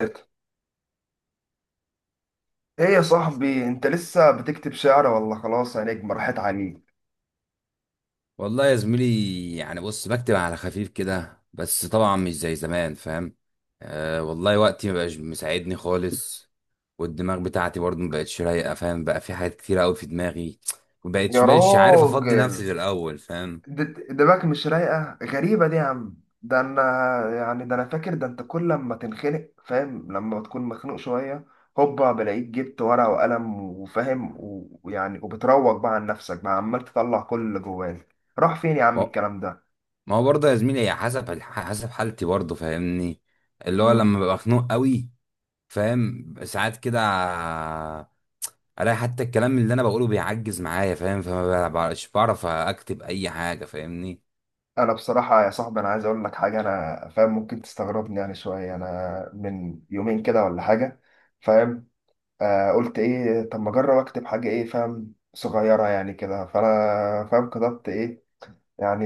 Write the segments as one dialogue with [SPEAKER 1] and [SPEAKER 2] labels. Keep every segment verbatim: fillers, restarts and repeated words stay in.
[SPEAKER 1] ايه يا صاحبي، انت لسه بتكتب شعر ولا خلاص يا نجم راحت عليك؟
[SPEAKER 2] والله يا زميلي، يعني بص بكتب على خفيف كده بس طبعا مش زي زمان، فاهم. آه، والله وقتي مبقاش مساعدني خالص. والدماغ بتاعتي برضه مبقتش رايقة، فاهم، بقى في حاجات كتير قوي في دماغي.
[SPEAKER 1] يا
[SPEAKER 2] مبقتش مبقتش عارف افضي
[SPEAKER 1] راجل،
[SPEAKER 2] نفسي زي الاول، فاهم.
[SPEAKER 1] د- دماغك مش رايقه؟ غريبه دي يا عم. ده انا يعني، ده انا فاكر، ده انت كل لما تنخنق فاهم، لما بتكون مخنوق شويه هوبا بلاقيك جبت ورقه وقلم وفاهم و- ويعني وبتروج بقى عن نفسك، بقى عمال تطلع كل اللي جواك. راح فين يا عم
[SPEAKER 2] ما
[SPEAKER 1] الكلام؟
[SPEAKER 2] ما هو برضه يا زميلي، هي حسب الح- حسب حالتي برضه، فاهمني. اللي
[SPEAKER 1] ده
[SPEAKER 2] هو لما ببقى خنوق قوي، فاهم، ساعات كده الاقي حتى الكلام اللي انا بقوله بيعجز معايا، فاهم، فما بقاش بعرف اكتب اي حاجة، فاهمني.
[SPEAKER 1] انا بصراحه يا صاحبي، انا عايز اقول لك حاجه، انا فاهم ممكن تستغربني يعني شويه. انا من يومين كده ولا حاجه، فاهم، آه، قلت ايه، طب ما اجرب اكتب حاجه ايه فاهم صغيره يعني كده، فانا فاهم كتبت ايه يعني،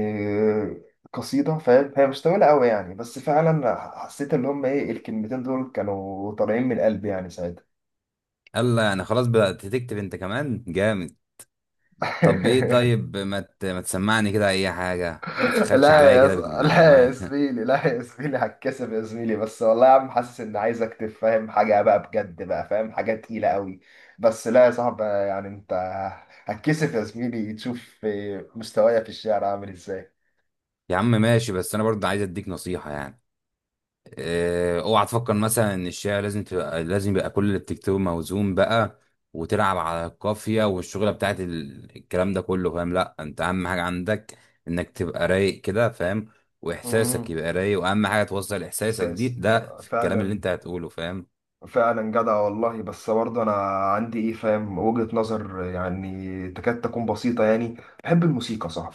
[SPEAKER 1] قصيده فاهم، هي مش طويله قوي يعني، بس فعلا حسيت ان هم ايه الكلمتين دول كانوا طالعين من قلبي يعني ساعتها.
[SPEAKER 2] يلا يعني خلاص بدأت تكتب انت كمان، جامد. طب ايه؟ طيب ما ت- ما تسمعني كده اي حاجه، ما تبخلش
[SPEAKER 1] لا
[SPEAKER 2] عليا
[SPEAKER 1] يا
[SPEAKER 2] كده
[SPEAKER 1] ص... لا يا
[SPEAKER 2] بالمعلومات.
[SPEAKER 1] زميلي لا يا زميلي، هتكسب يا زميلي، بس والله يا عم حاسس ان عايز اكتب فاهم حاجه بقى بجد، بقى فاهم حاجه تقيله قوي. بس لا يا صاحبي، يعني انت هتكسب يا زميلي، تشوف مستوايا في الشعر عامل ازاي.
[SPEAKER 2] يا عم ماشي، بس انا برضه عايز اديك نصيحه يعني. اه، اوعى تفكر مثلا ان الشعر لازم تبقى لازم يبقى كل اللي بتكتبه موزون بقى، وتلعب على القافيه والشغله بتاعت ال- الكلام ده كله، فاهم. لا انت اهم حاجه عندك انك تبقى رايق كده، فاهم، واحساسك
[SPEAKER 1] مهم.
[SPEAKER 2] يبقى رايق، واهم حاجه توصل احساسك دي
[SPEAKER 1] اساس
[SPEAKER 2] ده في الكلام اللي
[SPEAKER 1] فعلا.
[SPEAKER 2] انت هتقوله.
[SPEAKER 1] فعلا جدع والله، بس برضه انا عندي ايه فاهم وجهة نظر يعني تكاد تكون بسيطة يعني. بحب الموسيقى صح؟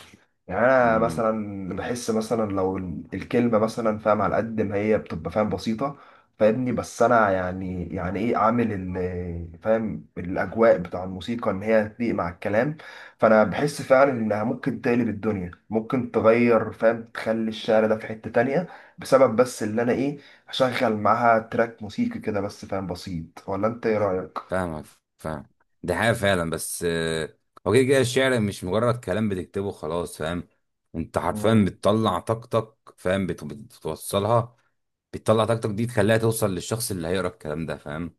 [SPEAKER 1] يعني انا
[SPEAKER 2] فاهم.
[SPEAKER 1] مثلا بحس مثلا لو ال- الكلمة مثلا فاهم، على قد ما هي بتبقى فاهم بسيطة، فاهمني، بس انا يعني، يعني ايه عامل ال- فاهم الاجواء بتاع الموسيقى ان هي تليق مع الكلام، فانا بحس فعلا انها ممكن تقلب الدنيا، ممكن تغير فاهم، تخلي الشعر ده في حتة تانية، بسبب بس اللي انا ايه اشغل معاها تراك موسيقي كده، بس فاهم بسيط. ولا انت ايه رايك؟
[SPEAKER 2] فاهمك. فاهم. دي حاجة فعلا. بس آه، هو كده كده الشعر مش مجرد كلام بتكتبه خلاص، فاهم. انت حرفيا
[SPEAKER 1] امم
[SPEAKER 2] بتطلع طاقتك، فاهم، بت- بتوصلها. بتطلع طاقتك دي تخليها توصل للشخص اللي هيقرا الكلام ده، فاهم.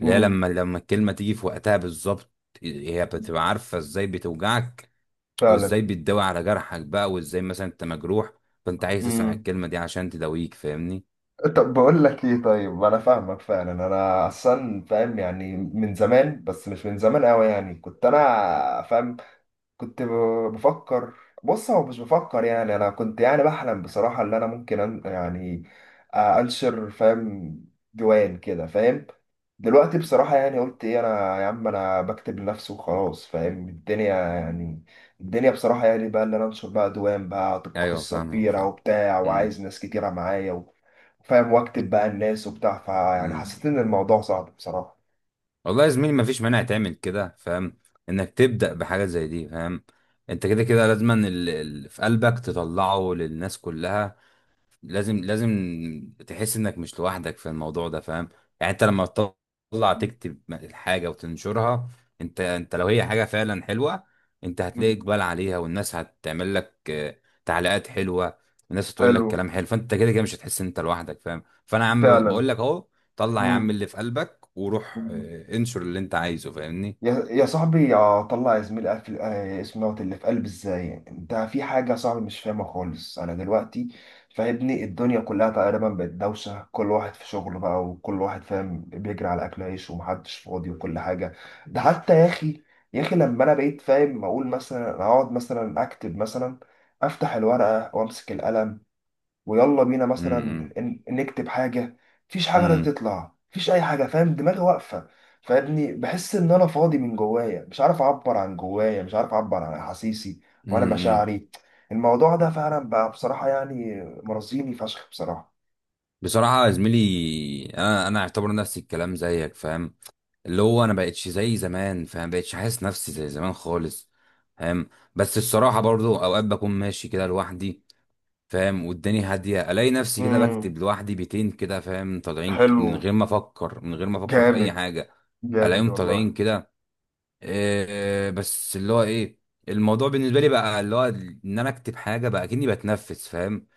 [SPEAKER 2] اللي هي
[SPEAKER 1] امم
[SPEAKER 2] لما لما الكلمة تيجي في وقتها بالظبط، هي بتبقى عارفة ازاي بتوجعك،
[SPEAKER 1] فعلا.
[SPEAKER 2] وازاي بتداوي على جرحك بقى، وازاي مثلا انت مجروح، فانت عايز تسمع
[SPEAKER 1] امم،
[SPEAKER 2] الكلمة دي عشان تداويك، فاهمني.
[SPEAKER 1] طب بقول لك ايه، طيب، انا فاهمك فعلا، انا اصلا فاهم يعني من زمان، بس مش من زمان قوي يعني، كنت انا فاهم، كنت ب- بفكر، بص، هو مش بفكر يعني، انا كنت يعني بحلم بصراحة ان انا ممكن أن... يعني، آه، انشر فاهم ديوان كده فاهم. دلوقتي بصراحة يعني، قلت ايه انا يا عم، انا بكتب لنفسي وخلاص فاهم الدنيا يعني، الدنيا بصراحة يعني، بقى اللي انا انشر بقى ديوان بقى، هتبقى
[SPEAKER 2] ايوه،
[SPEAKER 1] قصة
[SPEAKER 2] فاهمك.
[SPEAKER 1] كبيرة
[SPEAKER 2] فاهم.
[SPEAKER 1] وبتاع،
[SPEAKER 2] امم.
[SPEAKER 1] وعايز ناس كتيرة معايا و... فاهم واكتب بقى الناس وبتاع، فيعني
[SPEAKER 2] امم.
[SPEAKER 1] حسيت ان الموضوع صعب بصراحة.
[SPEAKER 2] والله يا زميلي، مفيش مانع تعمل كده، فاهم، انك تبدأ بحاجة زي دي، فاهم. انت كده كده لازما ال- ال- في قلبك تطلعه للناس كلها، لازم، لازم تحس انك مش لوحدك في الموضوع ده، فاهم. يعني انت لما تطلع تكتب الحاجة وتنشرها، انت انت لو هي حاجة فعلا حلوة، انت
[SPEAKER 1] مم.
[SPEAKER 2] هتلاقي اقبال عليها، والناس هتعمل لك آه، تعليقات حلوة، والناس هتقول لك
[SPEAKER 1] حلو
[SPEAKER 2] كلام حلو، فانت كده كده مش هتحس ان انت لوحدك، فاهم. فانا يا عم ب-
[SPEAKER 1] فعلا.
[SPEAKER 2] بقول لك اهو، طلع يا عم
[SPEAKER 1] مم.
[SPEAKER 2] اللي في قلبك وروح آه، انشر اللي انت عايزه، فاهمني.
[SPEAKER 1] يا يا صاحبي، يا طلع يا زميلي قفل آه، اسم دوت اللي في قلب ازاي يعني؟ انت في حاجه يا صاحبي مش فاهمها خالص انا دلوقتي، فاهمني، الدنيا كلها تقريبا بقت دوشه، كل واحد في شغله بقى، وكل واحد فاهم بيجري على اكل عيش، ومحدش فاضي، وكل حاجه. ده حتى يا اخي، يا اخي لما انا بقيت فاهم اقول مثلا، اقعد مثلا اكتب مثلا، افتح الورقه وامسك القلم ويلا بينا مثلا
[SPEAKER 2] امم.
[SPEAKER 1] ن- نكتب حاجه، مفيش حاجه لا
[SPEAKER 2] امم.
[SPEAKER 1] تطلع، مفيش اي حاجه فاهم، دماغي واقفه، فابني بحس ان انا فاضي من جوايا، مش عارف اعبر عن جوايا، مش عارف اعبر عن احاسيسي وانا
[SPEAKER 2] امم.
[SPEAKER 1] مشاعري. الموضوع ده فعلا بقى بصراحه يعني، مرضيني فشخ بصراحه.
[SPEAKER 2] بصراحة يا زميلي، انا انا اعتبر نفسي الكلام زيك، فاهم، اللي هو انا بقتش زي زمان، فاهم، بقتش حاسس نفسي زي زمان خالص. فاهم. بس الصراحه برضو اوقات بكون ماشي كده لوحدي، فاهم، والدنيا هاديه، الاقي نفسي كده
[SPEAKER 1] امم،
[SPEAKER 2] بكتب لوحدي بيتين كده، فاهم، طالعين ك-
[SPEAKER 1] حلو،
[SPEAKER 2] من غير ما افكر من غير ما افكر في اي
[SPEAKER 1] جامد،
[SPEAKER 2] حاجه،
[SPEAKER 1] جامد
[SPEAKER 2] الاقيهم طالعين
[SPEAKER 1] والله.
[SPEAKER 2] كده. إيه بس اللي هو ايه، الموضوع بالنسبه لي بقى اللي هو ان انا اكتب حاجه بقى كأني بتنفس، فاهم،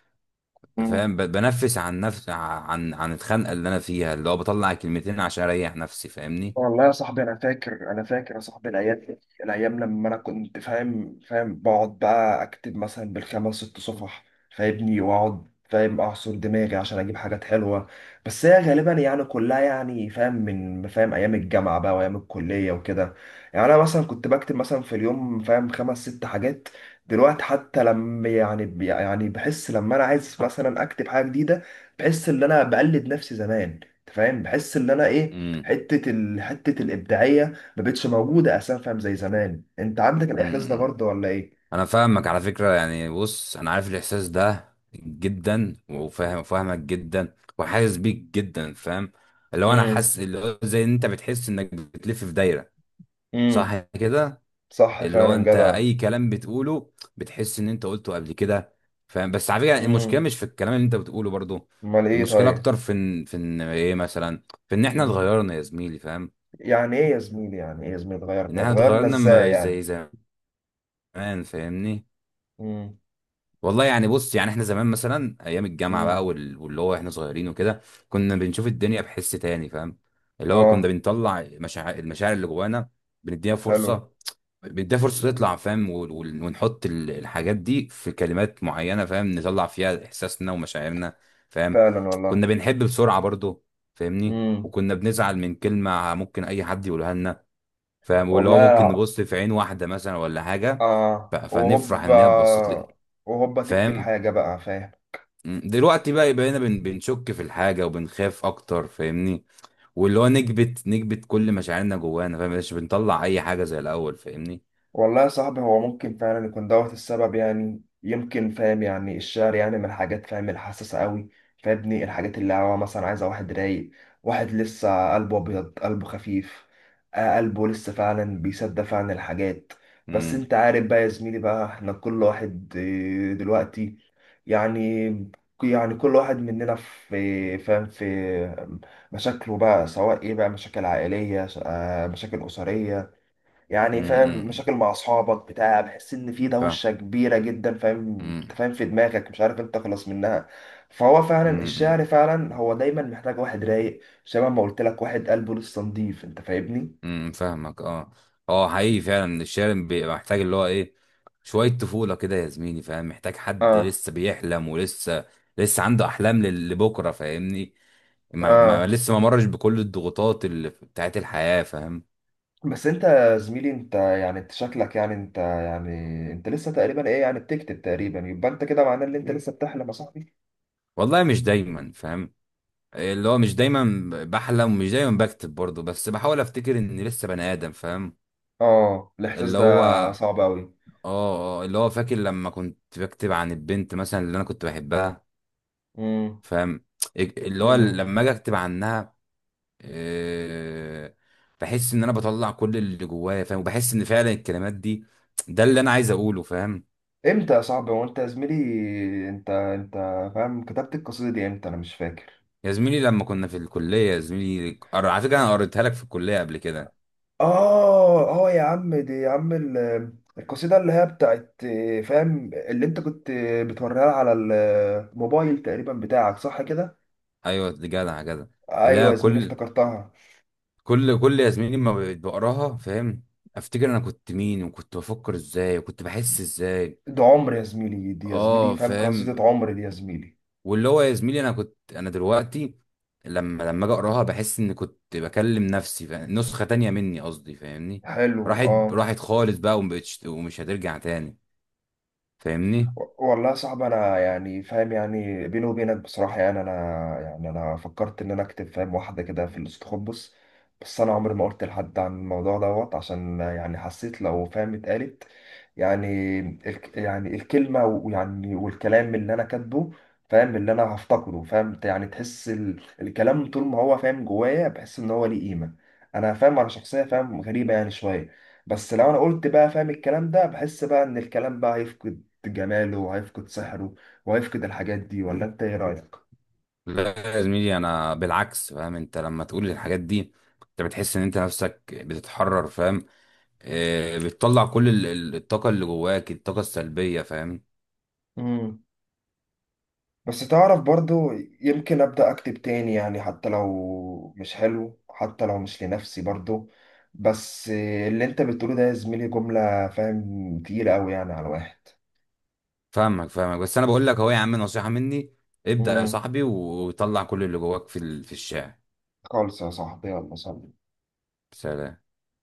[SPEAKER 1] مم.
[SPEAKER 2] فاهم ب- بنفس عن نفس عن عن الخنقه اللي انا فيها، اللي هو بطلع كلمتين عشان اريح نفسي، فاهمني.
[SPEAKER 1] والله يا صاحبي انا فاكر، انا فاكر يا صاحبي، الايام دي، الايام لما انا كنت فاهم فاهم بقعد بقى اكتب مثلا بالخمس ست صفح، فاهمني، واقعد فاهم اعصر دماغي عشان اجيب حاجات حلوه، بس هي غالبا يعني كلها يعني فاهم من فاهم ايام الجامعه بقى وايام الكليه وكده. يعني انا مثلا كنت بكتب مثلا في اليوم فاهم خمس ست حاجات، دلوقتي حتى لما يعني يعني بحس لما انا عايز مثلا اكتب حاجه جديده، بحس ان انا بقلد نفسي زمان، أنت فاهم، بحس ان انا ايه،
[SPEAKER 2] امم.
[SPEAKER 1] حته ال... حته الابداعيه ما بقتش موجوده اساسا فاهم زي زمان. انت عندك
[SPEAKER 2] امم.
[SPEAKER 1] الاحساس ده
[SPEAKER 2] امم.
[SPEAKER 1] برضه ولا ايه؟
[SPEAKER 2] انا فاهمك على فكرة، يعني بص انا عارف الاحساس ده جدا وفاهم، فاهمك جدا وحاسس بيك جدا، فاهم، اللي هو انا
[SPEAKER 1] امم،
[SPEAKER 2] حاسس اللي هو زي ان انت بتحس انك بتلف في دايرة،
[SPEAKER 1] امم،
[SPEAKER 2] صح كده؟
[SPEAKER 1] صح
[SPEAKER 2] اللي هو
[SPEAKER 1] فعلا
[SPEAKER 2] انت
[SPEAKER 1] جدع.
[SPEAKER 2] اي كلام بتقوله بتحس ان انت قلته قبل كده، فاهم. بس على فكرة، المشكلة
[SPEAKER 1] امم،
[SPEAKER 2] مش في الكلام اللي انت بتقوله برضو،
[SPEAKER 1] امال ايه
[SPEAKER 2] المشكلة
[SPEAKER 1] طيب؟
[SPEAKER 2] اكتر في ان في ان ايه مثلا، في ان احنا
[SPEAKER 1] امم.
[SPEAKER 2] اتغيرنا يا زميلي، فاهم.
[SPEAKER 1] يعني ايه يا زميلي، يعني ايه يا زميلي
[SPEAKER 2] ان
[SPEAKER 1] اتغيرنا؟
[SPEAKER 2] احنا
[SPEAKER 1] اتغيرنا
[SPEAKER 2] اتغيرنا
[SPEAKER 1] ازاي
[SPEAKER 2] م-
[SPEAKER 1] يعني؟
[SPEAKER 2] زي زمان، فاهمني.
[SPEAKER 1] امم،
[SPEAKER 2] والله يعني بص، يعني احنا زمان مثلا ايام الجامعه بقى،
[SPEAKER 1] امم،
[SPEAKER 2] وال- واللي هو احنا صغيرين وكده، كنا بنشوف الدنيا بحس تاني، فاهم. اللي هو كنا
[SPEAKER 1] اه،
[SPEAKER 2] بنطلع مشاعر المشاعر اللي جوانا، بنديها
[SPEAKER 1] حلو،
[SPEAKER 2] فرصه، بنديها فرصه تطلع، فاهم، و- و- ونحط ال- الحاجات دي في كلمات معينه، فاهم، نطلع فيها احساسنا ومشاعرنا. فاهم.
[SPEAKER 1] فعلا والله،
[SPEAKER 2] كنا بنحب بسرعه برضو، فاهمني،
[SPEAKER 1] امم،
[SPEAKER 2] وكنا بنزعل من كلمه ممكن اي حد يقولها لنا، فاهم، واللي هو ممكن
[SPEAKER 1] والله،
[SPEAKER 2] نبص في عين واحده مثلا ولا حاجه، ف-
[SPEAKER 1] اه
[SPEAKER 2] فنفرح
[SPEAKER 1] وهوبا،
[SPEAKER 2] ان هي بصت لنا،
[SPEAKER 1] وهوبا تكتب
[SPEAKER 2] فاهم.
[SPEAKER 1] حاجه بقى فاهم.
[SPEAKER 2] مم. دلوقتي بقى بقينا بن بنشك في الحاجة وبنخاف أكتر، فاهمني، واللي هو نكبت نكبت كل مشاعرنا جوانا، فاهم، مش بنطلع أي حاجة زي الأول، فاهمني.
[SPEAKER 1] والله يا صاحبي، هو ممكن فعلا يكون دوت السبب يعني، يمكن فاهم، يعني الشعر يعني من الحاجات فاهم الحساسة قوي، فابني الحاجات اللي هو مثلا عايزة واحد رايق، واحد لسه قلبه أبيض، قلبه خفيف، آه، قلبه لسه فعلا بيصدق فعلا الحاجات. بس
[SPEAKER 2] امم.
[SPEAKER 1] انت عارف بقى يا زميلي بقى، احنا كل واحد آه، دلوقتي يعني، يعني كل واحد مننا في فاهم في مشاكله بقى، سواء ايه بقى، مشاكل عائلية، آه، مشاكل أسرية يعني فاهم،
[SPEAKER 2] امم.
[SPEAKER 1] مشاكل مع اصحابك بتاع، بحس ان في
[SPEAKER 2] فاهم.
[SPEAKER 1] دوشه كبيره جدا فاهم، انت
[SPEAKER 2] امم.
[SPEAKER 1] فاهم في دماغك مش عارف انت تخلص منها، فهو فعلا الشعر
[SPEAKER 2] امم.
[SPEAKER 1] فعلا هو دايما محتاج واحد رايق، شبه ما قلت لك، واحد قلبه لسه نضيف، انت فاهمني.
[SPEAKER 2] امم. فاهمك. اه. اه، حقيقي فعلا الشارع بيبقى محتاج اللي هو إيه، شوية طفولة كده يا زميلي، فاهم، محتاج حد
[SPEAKER 1] اه،
[SPEAKER 2] لسه بيحلم، ولسه لسه عنده أحلام لل- لبكرة، فاهمني. ما... ما
[SPEAKER 1] اه،
[SPEAKER 2] لسه ما مرش بكل الضغوطات اللي بتاعت الحياة، فاهم.
[SPEAKER 1] بس انت يا زميلي انت يعني، انت شكلك يعني، انت يعني انت لسه تقريبا ايه يعني بتكتب تقريبا، يبقى انت كده معناه ان انت لسه بتحلم يا صاحبي.
[SPEAKER 2] والله مش دايما، فاهم، اللي هو مش دايما بحلم ومش دايما بكتب برضه، بس بحاول افتكر اني لسه بني ادم، فاهم.
[SPEAKER 1] اه الاحساس
[SPEAKER 2] اللي
[SPEAKER 1] ده
[SPEAKER 2] هو اه،
[SPEAKER 1] صعب قوي.
[SPEAKER 2] آه، اللي هو فاكر لما كنت بكتب عن البنت مثلا اللي انا كنت بحبها، فاهم، اللي هو
[SPEAKER 1] امم،
[SPEAKER 2] لما اجي اكتب عنها، آه، بحس ان انا بطلع كل اللي جوايا، فاهم، وبحس ان فعلا الكلمات دي ده اللي انا عايز اقوله، فاهم.
[SPEAKER 1] امتى يا صاحبي؟ هو انت يا زميلي، انت انت فاهم كتبت القصيدة دي امتى؟ انا مش فاكر.
[SPEAKER 2] يا زميلي لما كنا في الكلية يا زميلي، قر- على فكرة انا قريتها لك في الكلية قبل كده.
[SPEAKER 1] اه، اه يا عم، دي يا عم ال- القصيدة اللي هي بتاعت آه، فاهم، اللي انت كنت آه، بتوريها على الموبايل تقريبا بتاعك، صح كده؟
[SPEAKER 2] ايوه دي، جدع جدع.
[SPEAKER 1] ايوه
[SPEAKER 2] لا،
[SPEAKER 1] يا زميلي
[SPEAKER 2] كل
[SPEAKER 1] افتكرتها.
[SPEAKER 2] كل كل يا زميلي ما بقيت بقراها، فاهم، افتكر انا كنت مين، وكنت بفكر ازاي، وكنت بحس ازاي.
[SPEAKER 1] ده عمر يا زميلي، دي يا زميلي
[SPEAKER 2] اه،
[SPEAKER 1] فاهم
[SPEAKER 2] فاهم.
[SPEAKER 1] قصيدة عمر دي يا زميلي.
[SPEAKER 2] واللي هو يا زميلي انا كنت انا دلوقتي لما لما اجي اقراها بحس ان كنت بكلم نفسي، فاهم، نسخة تانية مني، قصدي، فاهمني.
[SPEAKER 1] حلو،
[SPEAKER 2] راحت،
[SPEAKER 1] اه.
[SPEAKER 2] راحت خالص بقى، ومبقتش، ومش هترجع تاني، فاهمني.
[SPEAKER 1] والله يا صاحبي انا يعني فاهم يعني، بيني وبينك بصراحه يعني انا، يعني انا فكرت ان انا اكتب فاهم واحده كده في الاستخبص، بس انا عمري ما قلت لحد عن الموضوع دوت، عشان يعني حسيت لو فاهم اتقالت يعني، الك يعني الكلمه ويعني والكلام اللي انا كاتبه فاهم اللي انا هفتقده فاهم يعني، تحس ال... الكلام طول ما هو فاهم جوايا بحس ان هو ليه قيمه. انا فاهم انا شخصيه فاهم غريبه يعني شويه، بس لو انا قلت بقى فاهم الكلام ده، بحس بقى ان الكلام بقى هيفقد جماله، وهيفقد سحره، وهيفقد الحاجات دي. ولا انت ايه رأيك؟
[SPEAKER 2] لا يا زميلي، انا بالعكس، فاهم، انت لما تقول الحاجات دي انت بتحس ان انت نفسك بتتحرر، فاهم، آه، بتطلع كل ال- ال- الطاقة اللي جواك، الطاقة السلبية، فاهم.
[SPEAKER 1] امم، بس تعرف برضو، يمكن أبدأ أكتب تاني يعني، حتى لو مش حلو، حتى لو مش لنفسي برضو، بس اللي انت بتقوله ده يا زميلي جملة فاهم تقيلة أوي يعني على الواحد.
[SPEAKER 2] فاهمك، فاهمك، بس أنا بقول لك أهو يا عم، نصيحة مني، ابدأ يا
[SPEAKER 1] امم،
[SPEAKER 2] صاحبي وطلع كل اللي جواك في ال- في الشارع.
[SPEAKER 1] خالص يا صاحبي، يلا سلام.
[SPEAKER 2] سلام.